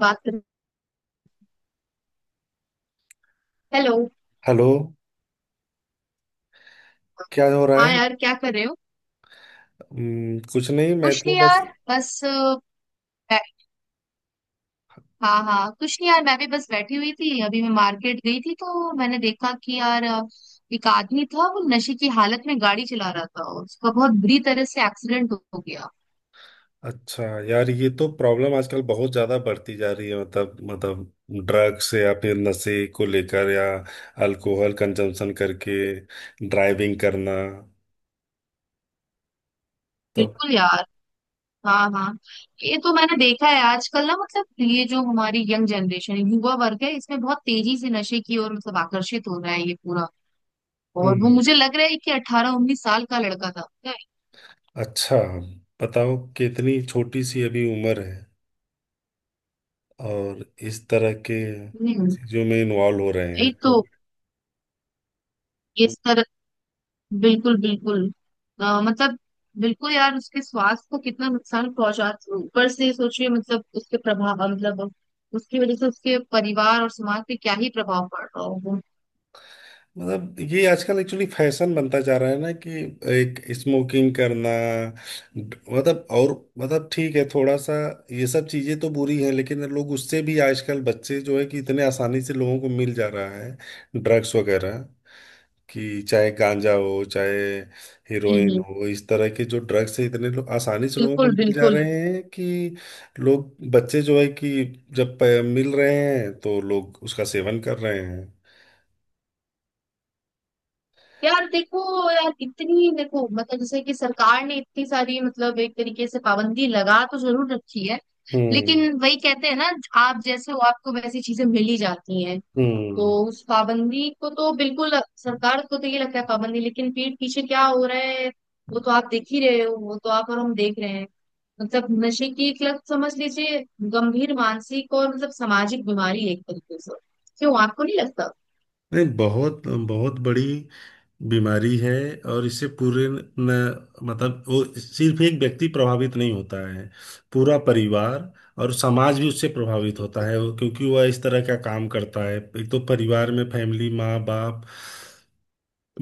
बात कर। Hello. Hello. क्या हो रहा हाँ है? यार, क्या कर रहे हो? कुछ नहीं, मैं कुछ तो नहीं बस। यार, बस बै- हाँ हाँ, कुछ नहीं यार, मैं भी बस बैठी हुई थी। अभी मैं मार्केट गई थी तो मैंने देखा कि यार, एक आदमी था, वो नशे की हालत में गाड़ी चला रहा था। उसका बहुत बुरी तरह से एक्सीडेंट हो गया। अच्छा यार, ये तो प्रॉब्लम आजकल बहुत ज्यादा बढ़ती जा रही है, मतलब ड्रग्स या फिर नशे को लेकर या अल्कोहल कंजम्पशन करके ड्राइविंग करना तो। बिल्कुल यार। हाँ हाँ। ये तो मैंने देखा है आजकल ना, मतलब ये जो हमारी यंग जनरेशन युवा वर्ग है, इसमें बहुत तेजी से नशे की ओर मतलब आकर्षित हो रहा है ये पूरा। और वो हम्म। मुझे लग रहा है कि 18-19 साल का लड़का अच्छा, बताओ कितनी छोटी सी अभी उम्र है, और इस तरह के था। चीजों में इन्वॉल्व हो रहे हैं यही तो। तो। ये सर। बिल्कुल बिल्कुल। मतलब बिल्कुल यार, उसके स्वास्थ्य को कितना नुकसान पहुंचा। ऊपर से सोचिए, मतलब उसके प्रभाव, मतलब उसकी वजह से उसके परिवार और समाज पे क्या ही प्रभाव पड़ रहा होगा। मतलब ये आजकल एक्चुअली फैशन बनता जा रहा है ना, कि एक स्मोकिंग करना, मतलब और मतलब ठीक है, थोड़ा सा ये सब चीजें तो बुरी हैं, लेकिन लोग उससे भी आजकल बच्चे जो है कि इतने आसानी से लोगों को मिल जा रहा है ड्रग्स वगैरह, कि चाहे गांजा हो चाहे हीरोइन हम्म। हो, इस तरह के जो ड्रग्स है इतने लोग आसानी से लोगों को बिल्कुल मिल जा बिल्कुल। रहे हैं, कि लोग बच्चे जो है कि जब मिल रहे हैं तो लोग उसका सेवन कर रहे हैं। यार देखो यार, इतनी देखो, मतलब जैसे कि सरकार ने इतनी सारी, मतलब एक तरीके से, पाबंदी लगा तो जरूर रखी है। हम्म। लेकिन वही कहते हैं ना, आप जैसे हो आपको वैसी चीजें मिल ही जाती हैं। तो हम्म। उस पाबंदी को तो बिल्कुल, सरकार को तो ये लगता है पाबंदी, लेकिन पीठ पीछे क्या हो रहा है, वो तो आप देख ही रहे हो, वो तो आप और हम देख रहे हैं। मतलब नशे की एक लत, समझ लीजिए, गंभीर मानसिक और मतलब सामाजिक बीमारी है एक तरीके से। क्यों, आपको नहीं लगता? नहीं, बहुत बहुत बड़ी बीमारी है। और इससे पूरे न, मतलब वो सिर्फ एक व्यक्ति प्रभावित नहीं होता है, पूरा परिवार और समाज भी उससे प्रभावित होता बिल्कुल है। क्योंकि वह इस तरह का काम करता है, एक तो परिवार में फैमिली माँ बाप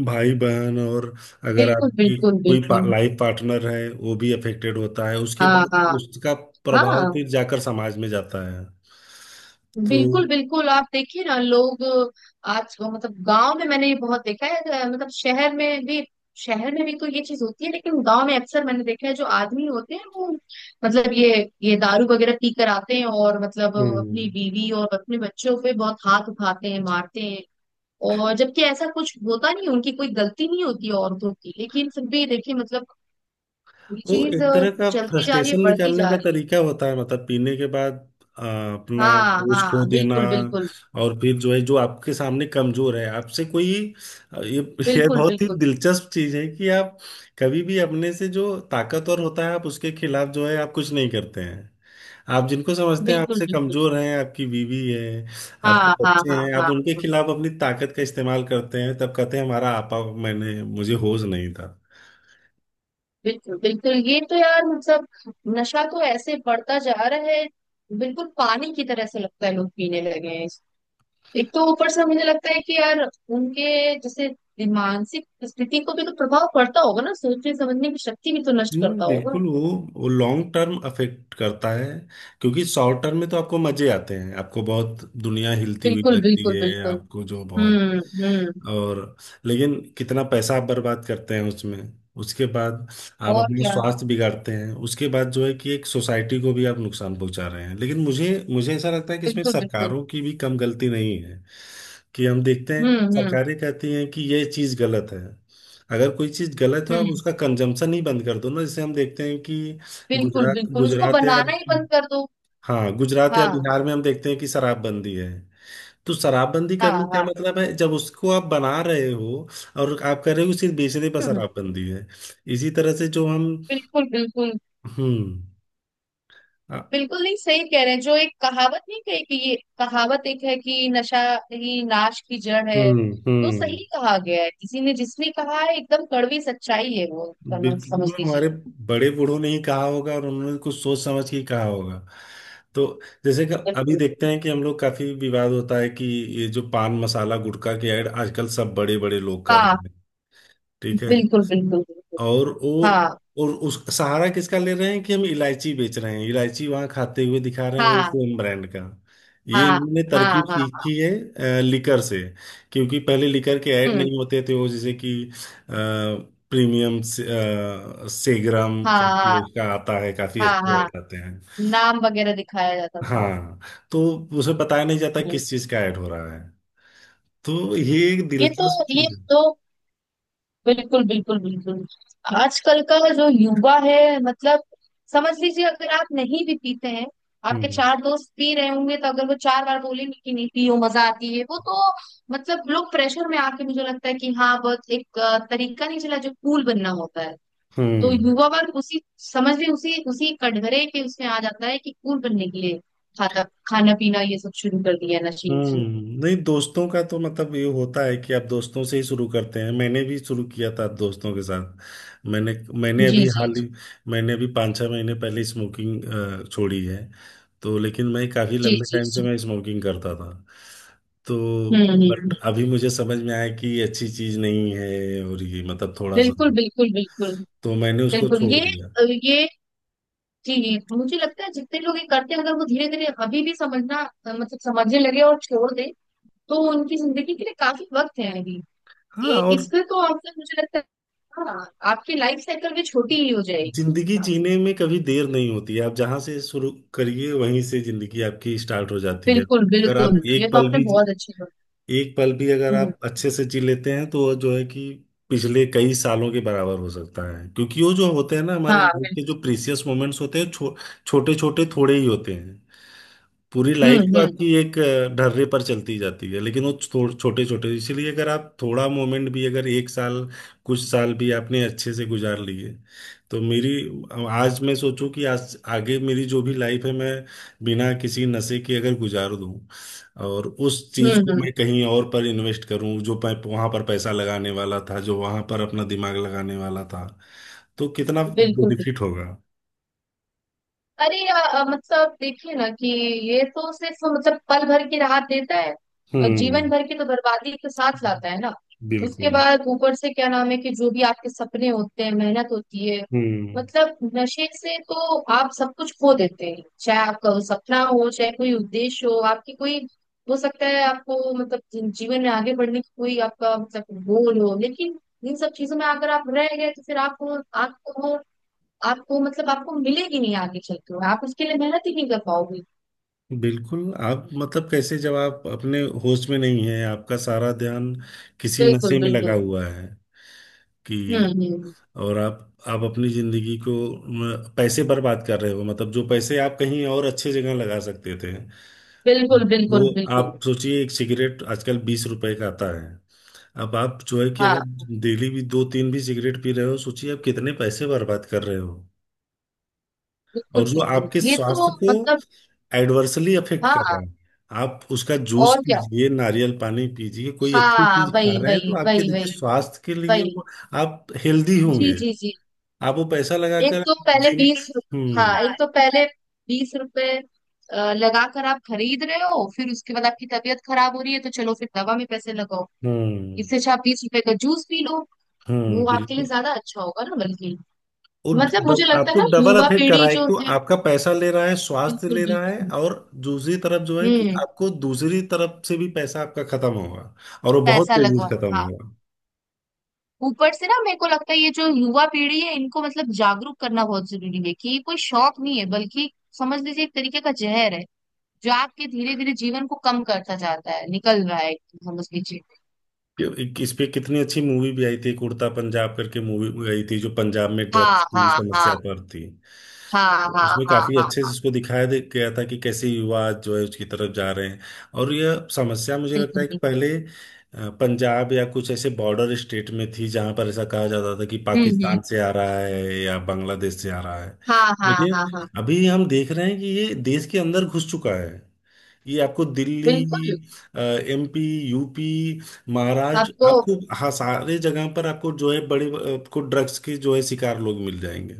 भाई बहन, और अगर बिल्कुल आपकी बिल्कुल। कोई बिल्कुल। लाइफ पार्टनर है वो भी अफेक्टेड होता है, उसके हाँ बाद हाँ उसका प्रभाव हाँ। फिर जाकर समाज में जाता है तो। बिल्कुल बिल्कुल, आप देखिए ना, लोग आज, मतलब, गांव में मैंने ये बहुत देखा है, मतलब शहर में भी। शहर में भी तो ये चीज होती है, लेकिन गांव में अक्सर मैंने देखा है जो आदमी होते हैं वो, मतलब ये दारू वगैरह पी कर आते हैं और मतलब अपनी हम्म। बीवी और अपने बच्चों पे बहुत हाथ उठाते हैं, मारते हैं। और जबकि ऐसा कुछ होता नहीं, उनकी कोई गलती नहीं होती है औरतों की, लेकिन फिर भी देखिए मतलब ये वो चीज एक तरह का चलती जा रही है, फ्रस्ट्रेशन बढ़ती निकालने जा का रही है। तरीका होता है, मतलब पीने के बाद अपना हाँ होश खो हाँ देना, बिल्कुल बिल्कुल। और फिर जो है जो आपके सामने कमजोर है आपसे कोई, ये ये बिल्कुल बहुत ही बिल्कुल दिलचस्प चीज है कि आप कभी भी अपने से जो ताकतवर होता है आप उसके खिलाफ जो है आप कुछ नहीं करते हैं, आप जिनको समझते हैं बिल्कुल आपसे बिल्कुल। कमजोर हैं, आपकी बीवी है, आपके हाँ हाँ बच्चे हाँ हैं, आप हाँ। उनके खिलाफ अपनी ताकत का इस्तेमाल करते हैं, तब कहते हैं हमारा आपा, मैंने मुझे होश नहीं था। बिल्कुल बिल्कुल। ये तो यार मतलब, नशा तो ऐसे बढ़ता जा रहा है, बिल्कुल पानी की तरह से लगता है लोग पीने लगे हैं। एक तो ऊपर से मुझे लगता है कि यार, उनके जैसे मानसिक स्थिति को भी तो प्रभाव पड़ता होगा ना, सोचने समझने की शक्ति भी तो नष्ट नहीं, करता होगा। बिल्कुल। वो लॉन्ग टर्म अफेक्ट करता है, क्योंकि शॉर्ट टर्म में तो आपको मजे आते हैं, आपको बहुत दुनिया हिलती हुई बिल्कुल लगती बिल्कुल है, बिल्कुल। आपको जो बहुत, हम्म हम्म। और लेकिन कितना पैसा आप बर्बाद करते हैं उसमें। उसके बाद आप और अपने क्या। स्वास्थ्य बिगाड़ते हैं, उसके बाद जो है कि एक सोसाइटी को भी आप नुकसान पहुंचा रहे हैं, लेकिन मुझे मुझे ऐसा लगता है कि इसमें बिल्कुल बिल्कुल। सरकारों की भी कम गलती नहीं है। कि हम देखते हैं हम्म हम्म सरकारें कहती हैं कि ये चीज़ गलत है, अगर कोई चीज गलत हो आप हम्म। उसका कंजम्पशन ही बंद कर दो ना। जैसे हम देखते हैं कि बिल्कुल गुजरात बिल्कुल, उसको गुजरात या, बनाना ही बंद कर दो। हाँ, गुजरात या हाँ बिहार में हम देखते हैं कि शराबबंदी है, तो शराबबंदी हाँ करने का हाँ। मतलब है जब उसको आप बना रहे हो, और आप कर रहे हो सिर्फ बेचने पर हम्म। शराबबंदी है। इसी तरह से जो हम, बिल्कुल बिल्कुल हम्म, अ- बिल्कुल। नहीं, सही कह रहे हैं। जो एक कहावत नहीं कही कि, ये कहावत एक है कि नशा ही नाश की जड़ है। हम्म। तो हम्म। सही कहा गया है किसी ने, जिसने कहा है एकदम कड़वी सच्चाई है वो, समझ समझ बिल्कुल, लीजिए। हमारे बड़े बूढ़ों ने ही कहा होगा, और उन्होंने कुछ सोच समझ के ही कहा होगा तो। जैसे कि अभी बिल्कुल। देखते हैं कि हम लोग, काफी विवाद होता है कि ये जो पान मसाला गुटखा की ऐड आजकल सब बड़े बड़े लोग कर हाँ। रहे हैं, ठीक है। बिल्कुल बिल्कुल बिल्कुल। और वो, हाँ और उस सहारा किसका ले रहे हैं, कि हम इलायची बेच रहे हैं, इलायची वहां खाते हुए दिखा रहे हैं वही हाँ सेम ब्रांड का। ये हाँ इन्होंने हाँ तरकीब हाँ। सीखी है लिकर से, क्योंकि पहले लिकर के ऐड हम्म। नहीं होते थे, वो जैसे कि प्रीमियम सेग्राम हाँ करके हाँ उसका आता है, काफी हाँ अच्छे हाँ। ऐड आते हैं। नाम वगैरह दिखाया जाता था। हाँ। तो उसे बताया नहीं जाता हम्म। किस चीज का ऐड हो रहा है, तो ये एक ये तो, दिलचस्प ये चीज है। दो, बिल्कुल बिल्कुल बिल्कुल। आजकल का जो युवा है, मतलब समझ लीजिए, अगर आप नहीं भी पीते हैं, आपके हम्म। चार दोस्त पी रहे होंगे तो अगर वो चार बार बोलेंगे कि नहीं पियो मजा आती है वो तो, मतलब, लोग प्रेशर में आके मुझे लगता है कि, हाँ, बहुत एक तरीका नहीं चला जो कूल बनना होता है। तो हम्म। युवा वर्ग उसी समझ ली उसी उसी कटघरे के उसमें आ जाता है कि कूल बनने के लिए खाता खाना पीना ये सब शुरू कर दिया है, नशीली हम्म। चीजें। नहीं, दोस्तों का तो मतलब ये होता है कि आप दोस्तों से ही शुरू करते हैं, मैंने भी शुरू किया था दोस्तों के साथ। मैंने मैंने जी अभी जी हाल ही मैंने अभी 5-6 महीने पहले स्मोकिंग छोड़ी है। तो लेकिन मैं काफ़ी जी लंबे जी। जी टाइम से जी। मैं स्मोकिंग करता था तो। हम्म। बट अभी मुझे समझ में आया कि ये अच्छी चीज़ नहीं है, और ये मतलब थोड़ा सा, बिल्कुल बिल्कुल बिल्कुल तो मैंने उसको बिल्कुल। छोड़ ये दिया। ये चीज मुझे लगता है, जितने लोग ये करते हैं अगर वो धीरे धीरे अभी भी समझना, मतलब समझने लगे और छोड़ दे, तो उनकी जिंदगी के लिए काफी वक्त है अभी। हाँ। और इसमें तो आपने मुझे लगता है, हाँ, आपकी लाइफ साइकिल भी छोटी ही हो जाएगी इस जिंदगी हिसाब से। जीने में कभी देर नहीं होती है, आप जहां से शुरू करिए वहीं से जिंदगी आपकी स्टार्ट हो जाती है। बिल्कुल अगर आप बिल्कुल, ये तो आपने बहुत अच्छी बात। एक पल भी अगर हम्म। आप अच्छे से जी लेते हैं तो वो जो है कि पिछले कई सालों के बराबर हो सकता है। क्योंकि वो जो होते हैं ना हमारे हाँ लाइफ के बिल्कुल। जो प्रीसियस मोमेंट्स होते हैं छोटे छोटे थोड़े ही होते हैं। पूरी लाइफ हम्म तो हम्म आपकी एक ढर्रे पर चलती जाती है, लेकिन वो छोटे छोटे, इसीलिए अगर आप थोड़ा मोमेंट भी, अगर एक साल कुछ साल भी आपने अच्छे से गुजार लिए, तो मेरी, आज मैं सोचूं कि आज आगे मेरी जो भी लाइफ है मैं बिना किसी नशे के अगर गुजार दूं, और उस चीज को हम्म। मैं कहीं और पर इन्वेस्ट करूं, जो मैं वहां पर पैसा लगाने वाला था, जो वहां पर अपना दिमाग लगाने वाला था, तो कितना बिल्कुल बेनिफिट बिल्कुल। होगा। अरे मतलब देखिए ना कि ये तो सिर्फ मतलब पल भर की राहत देता है, और जीवन हम्म। भर की तो बर्बादी के साथ लाता है ना। उसके बिल्कुल। बाद ऊपर से क्या नाम है कि जो भी आपके सपने होते हैं, मेहनत होती है, हम्म। मतलब नशे से तो आप सब कुछ खो देते हैं, चाहे आपका वो सपना हो चाहे कोई उद्देश्य हो, आपकी कोई हो सकता है आपको मतलब जीवन में आगे बढ़ने की कोई आपका मतलब गोल हो, लेकिन इन सब चीजों में अगर आप रह गए तो फिर आपको आपको आपको मतलब आपको मिलेगी नहीं, आगे चलते हुए आप उसके लिए मेहनत ही नहीं कर पाओगे। बिल्कुल, आप मतलब कैसे जब आप अपने होश में नहीं है, आपका सारा ध्यान किसी बिल्कुल नशे में लगा बिल्कुल। हुआ है कि, हम्म। और आप अपनी जिंदगी को, पैसे बर्बाद कर रहे हो, मतलब जो पैसे आप कहीं और अच्छे जगह लगा सकते थे बिल्कुल वो, बिल्कुल बिल्कुल। आप सोचिए एक सिगरेट आजकल 20 रुपए का आता है। अब आप जो है कि हाँ। अगर डेली भी 2-3 भी सिगरेट पी रहे हो, सोचिए आप कितने पैसे बर्बाद कर रहे हो। बिल्कुल और जो बिल्कुल, आपके ये तो स्वास्थ्य को मतलब। एडवर्सली अफेक्ट कर हाँ। रहा है, आप उसका जूस और क्या। पीजिए, नारियल पानी पीजिए, कोई अच्छी हाँ चीज खा वही रहे हैं तो वही आपके वही वही देखिए स्वास्थ्य के लिए वही। वो आप हेल्दी जी होंगे, जी जी। आप वो पैसा एक लगाकर तो पहले जिम। बीस, हाँ हम्म। हाँ। एक तो पहले 20 रुपए लगा कर आप खरीद रहे हो, फिर उसके बाद आपकी तबीयत खराब हो रही है, तो चलो फिर दवा में पैसे लगाओ। हम्म। इससे अच्छा आप 20 रुपए का जूस पी लो, हम्म। वो आपके लिए बिल्कुल, ज्यादा अच्छा होगा ना, बल्कि मतलब मुझे लगता है आपको ना डबल युवा अफेक्ट कर रहा पीढ़ी है, जो एक तो है। आपका पैसा ले रहा है, स्वास्थ्य बिल्कुल ले रहा है, बिल्कुल। और दूसरी तरफ जो है कि हम्म। आपको दूसरी तरफ से भी पैसा आपका खत्म होगा, और वो बहुत पैसा तेजी लगवा, से खत्म हाँ। होगा। ऊपर से ना, मेरे को लगता है ये जो युवा पीढ़ी है इनको मतलब जागरूक करना बहुत जरूरी है कि ये कोई शौक नहीं है, बल्कि समझ लीजिए एक तरीके का जहर है, जो आपके धीरे धीरे जीवन को कम करता जाता है, निकल रहा है, समझ लीजिए। इस पे कितनी अच्छी मूवी भी आई थी, एक उड़ता पंजाब करके मूवी भी आई थी जो पंजाब में हाँ ड्रग्स हाँ की समस्या हाँ पर थी। हाँ हाँ उसमें हाँ काफी हाँ अच्छे से हाँ। इसको दिखाया गया था कि कैसे युवा जो है उसकी तरफ जा रहे हैं। और यह समस्या मुझे लगता बिल्कुल है कि बिल्कुल। पहले पंजाब या कुछ ऐसे बॉर्डर स्टेट में थी, जहां पर ऐसा कहा जाता था कि हम्म। पाकिस्तान से आ रहा है या बांग्लादेश से आ रहा है। हाँ हाँ लेकिन हाँ हाँ। अभी हम देख रहे हैं कि ये देश के अंदर घुस चुका है, ये आपको दिल्ली, बिल्कुल। एमपी, यूपी, महाराष्ट्र, आपको। आपको, हाँ, सारे जगह पर आपको जो है बड़े, आपको ड्रग्स के जो है शिकार लोग मिल जाएंगे।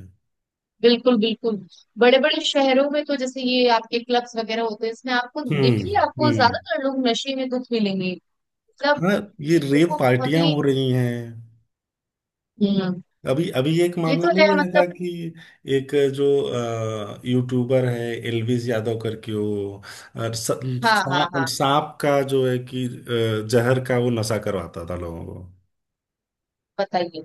बिल्कुल बिल्कुल। बड़े बड़े शहरों में तो जैसे ये आपके क्लब्स वगैरह होते हैं, इसमें आपको हम्म। देखिए आपको हम्म। ज्यादातर लोग नशे में दुख मिलेंगे। मतलब, हाँ, ये ये रेप देखो बहुत पार्टियां ही। हो रही हैं। हम्म। अभी अभी एक ये मामला तो है नहीं है था मतलब। कि एक जो यूट्यूबर है, एलविस यादव करके, वो अ, स- हाँ हाँ हाँ। सांप का जो है कि जहर का वो नशा करवाता था लोगों को। बताइए।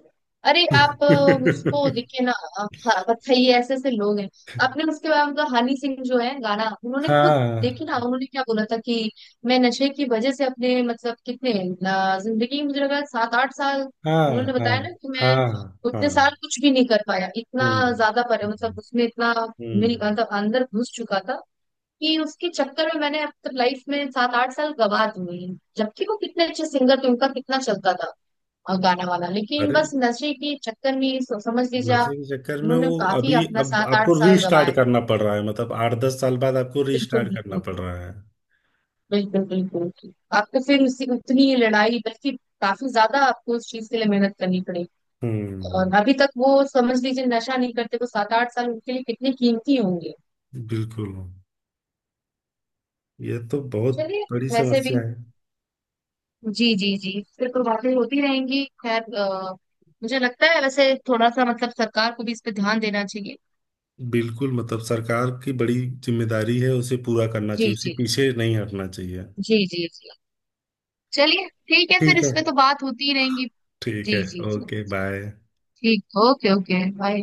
अरे आप उसको देखिए ना। हाँ, बताइए ऐसे ऐसे लोग हैं। आपने उसके बाद मतलब हनी सिंह जो है गाना, उन्होंने खुद, हाँ, देखिए ना, उन्होंने क्या बोला था कि मैं नशे की वजह से अपने मतलब कितने, जिंदगी में मुझे लगा 7-8 साल, हाँ, उन्होंने हाँ, बताया ना कि मैं हाँ, उतने साल हाँ। कुछ भी नहीं कर पाया। इतना हम्म। ज्यादा पर मतलब उसमें इतना मेरी हम्म। मतलब अंदर घुस चुका था कि उसके चक्कर में मैंने अब तक लाइफ में 7-8 साल गवा दिए हैं। जबकि वो कितने अच्छे सिंगर थे, उनका कितना चलता था और गाना वाला, लेकिन अरे, बस नशे के चक्कर में समझ लीजिए आप। नशे के चक्कर में उन्होंने वो, काफी अभी अपना अब सात आठ आपको साल रीस्टार्ट गंवाए। करना पड़ रहा है, मतलब 8-10 साल बाद आपको बिल्कुल रीस्टार्ट करना बिल्कुल पड़ रहा है। बिल्कुल बिल्कुल। आपको फिर उसी उतनी ही लड़ाई, बल्कि काफी ज्यादा आपको उस चीज के लिए मेहनत करनी पड़ेगी। हम्म, और अभी तक वो समझ लीजिए नशा नहीं करते वो, 7-8 साल उनके लिए कितने कीमती होंगे। बिल्कुल। ये तो बहुत चलिए। बड़ी वैसे समस्या भी, है। जी जी जी, फिर तो बातें होती रहेंगी। खैर, मुझे लगता है वैसे थोड़ा सा मतलब सरकार को भी इस पे ध्यान देना चाहिए। बिल्कुल, मतलब सरकार की बड़ी जिम्मेदारी है, उसे पूरा करना जी चाहिए, उसे जी पीछे नहीं हटना चाहिए। जी जी जी। चलिए ठीक है, फिर ठीक है। इस पे तो बात होती ही रहेंगी। ठीक है। जी जी जी। Okay, bye. ठीक। ओके। Okay bye.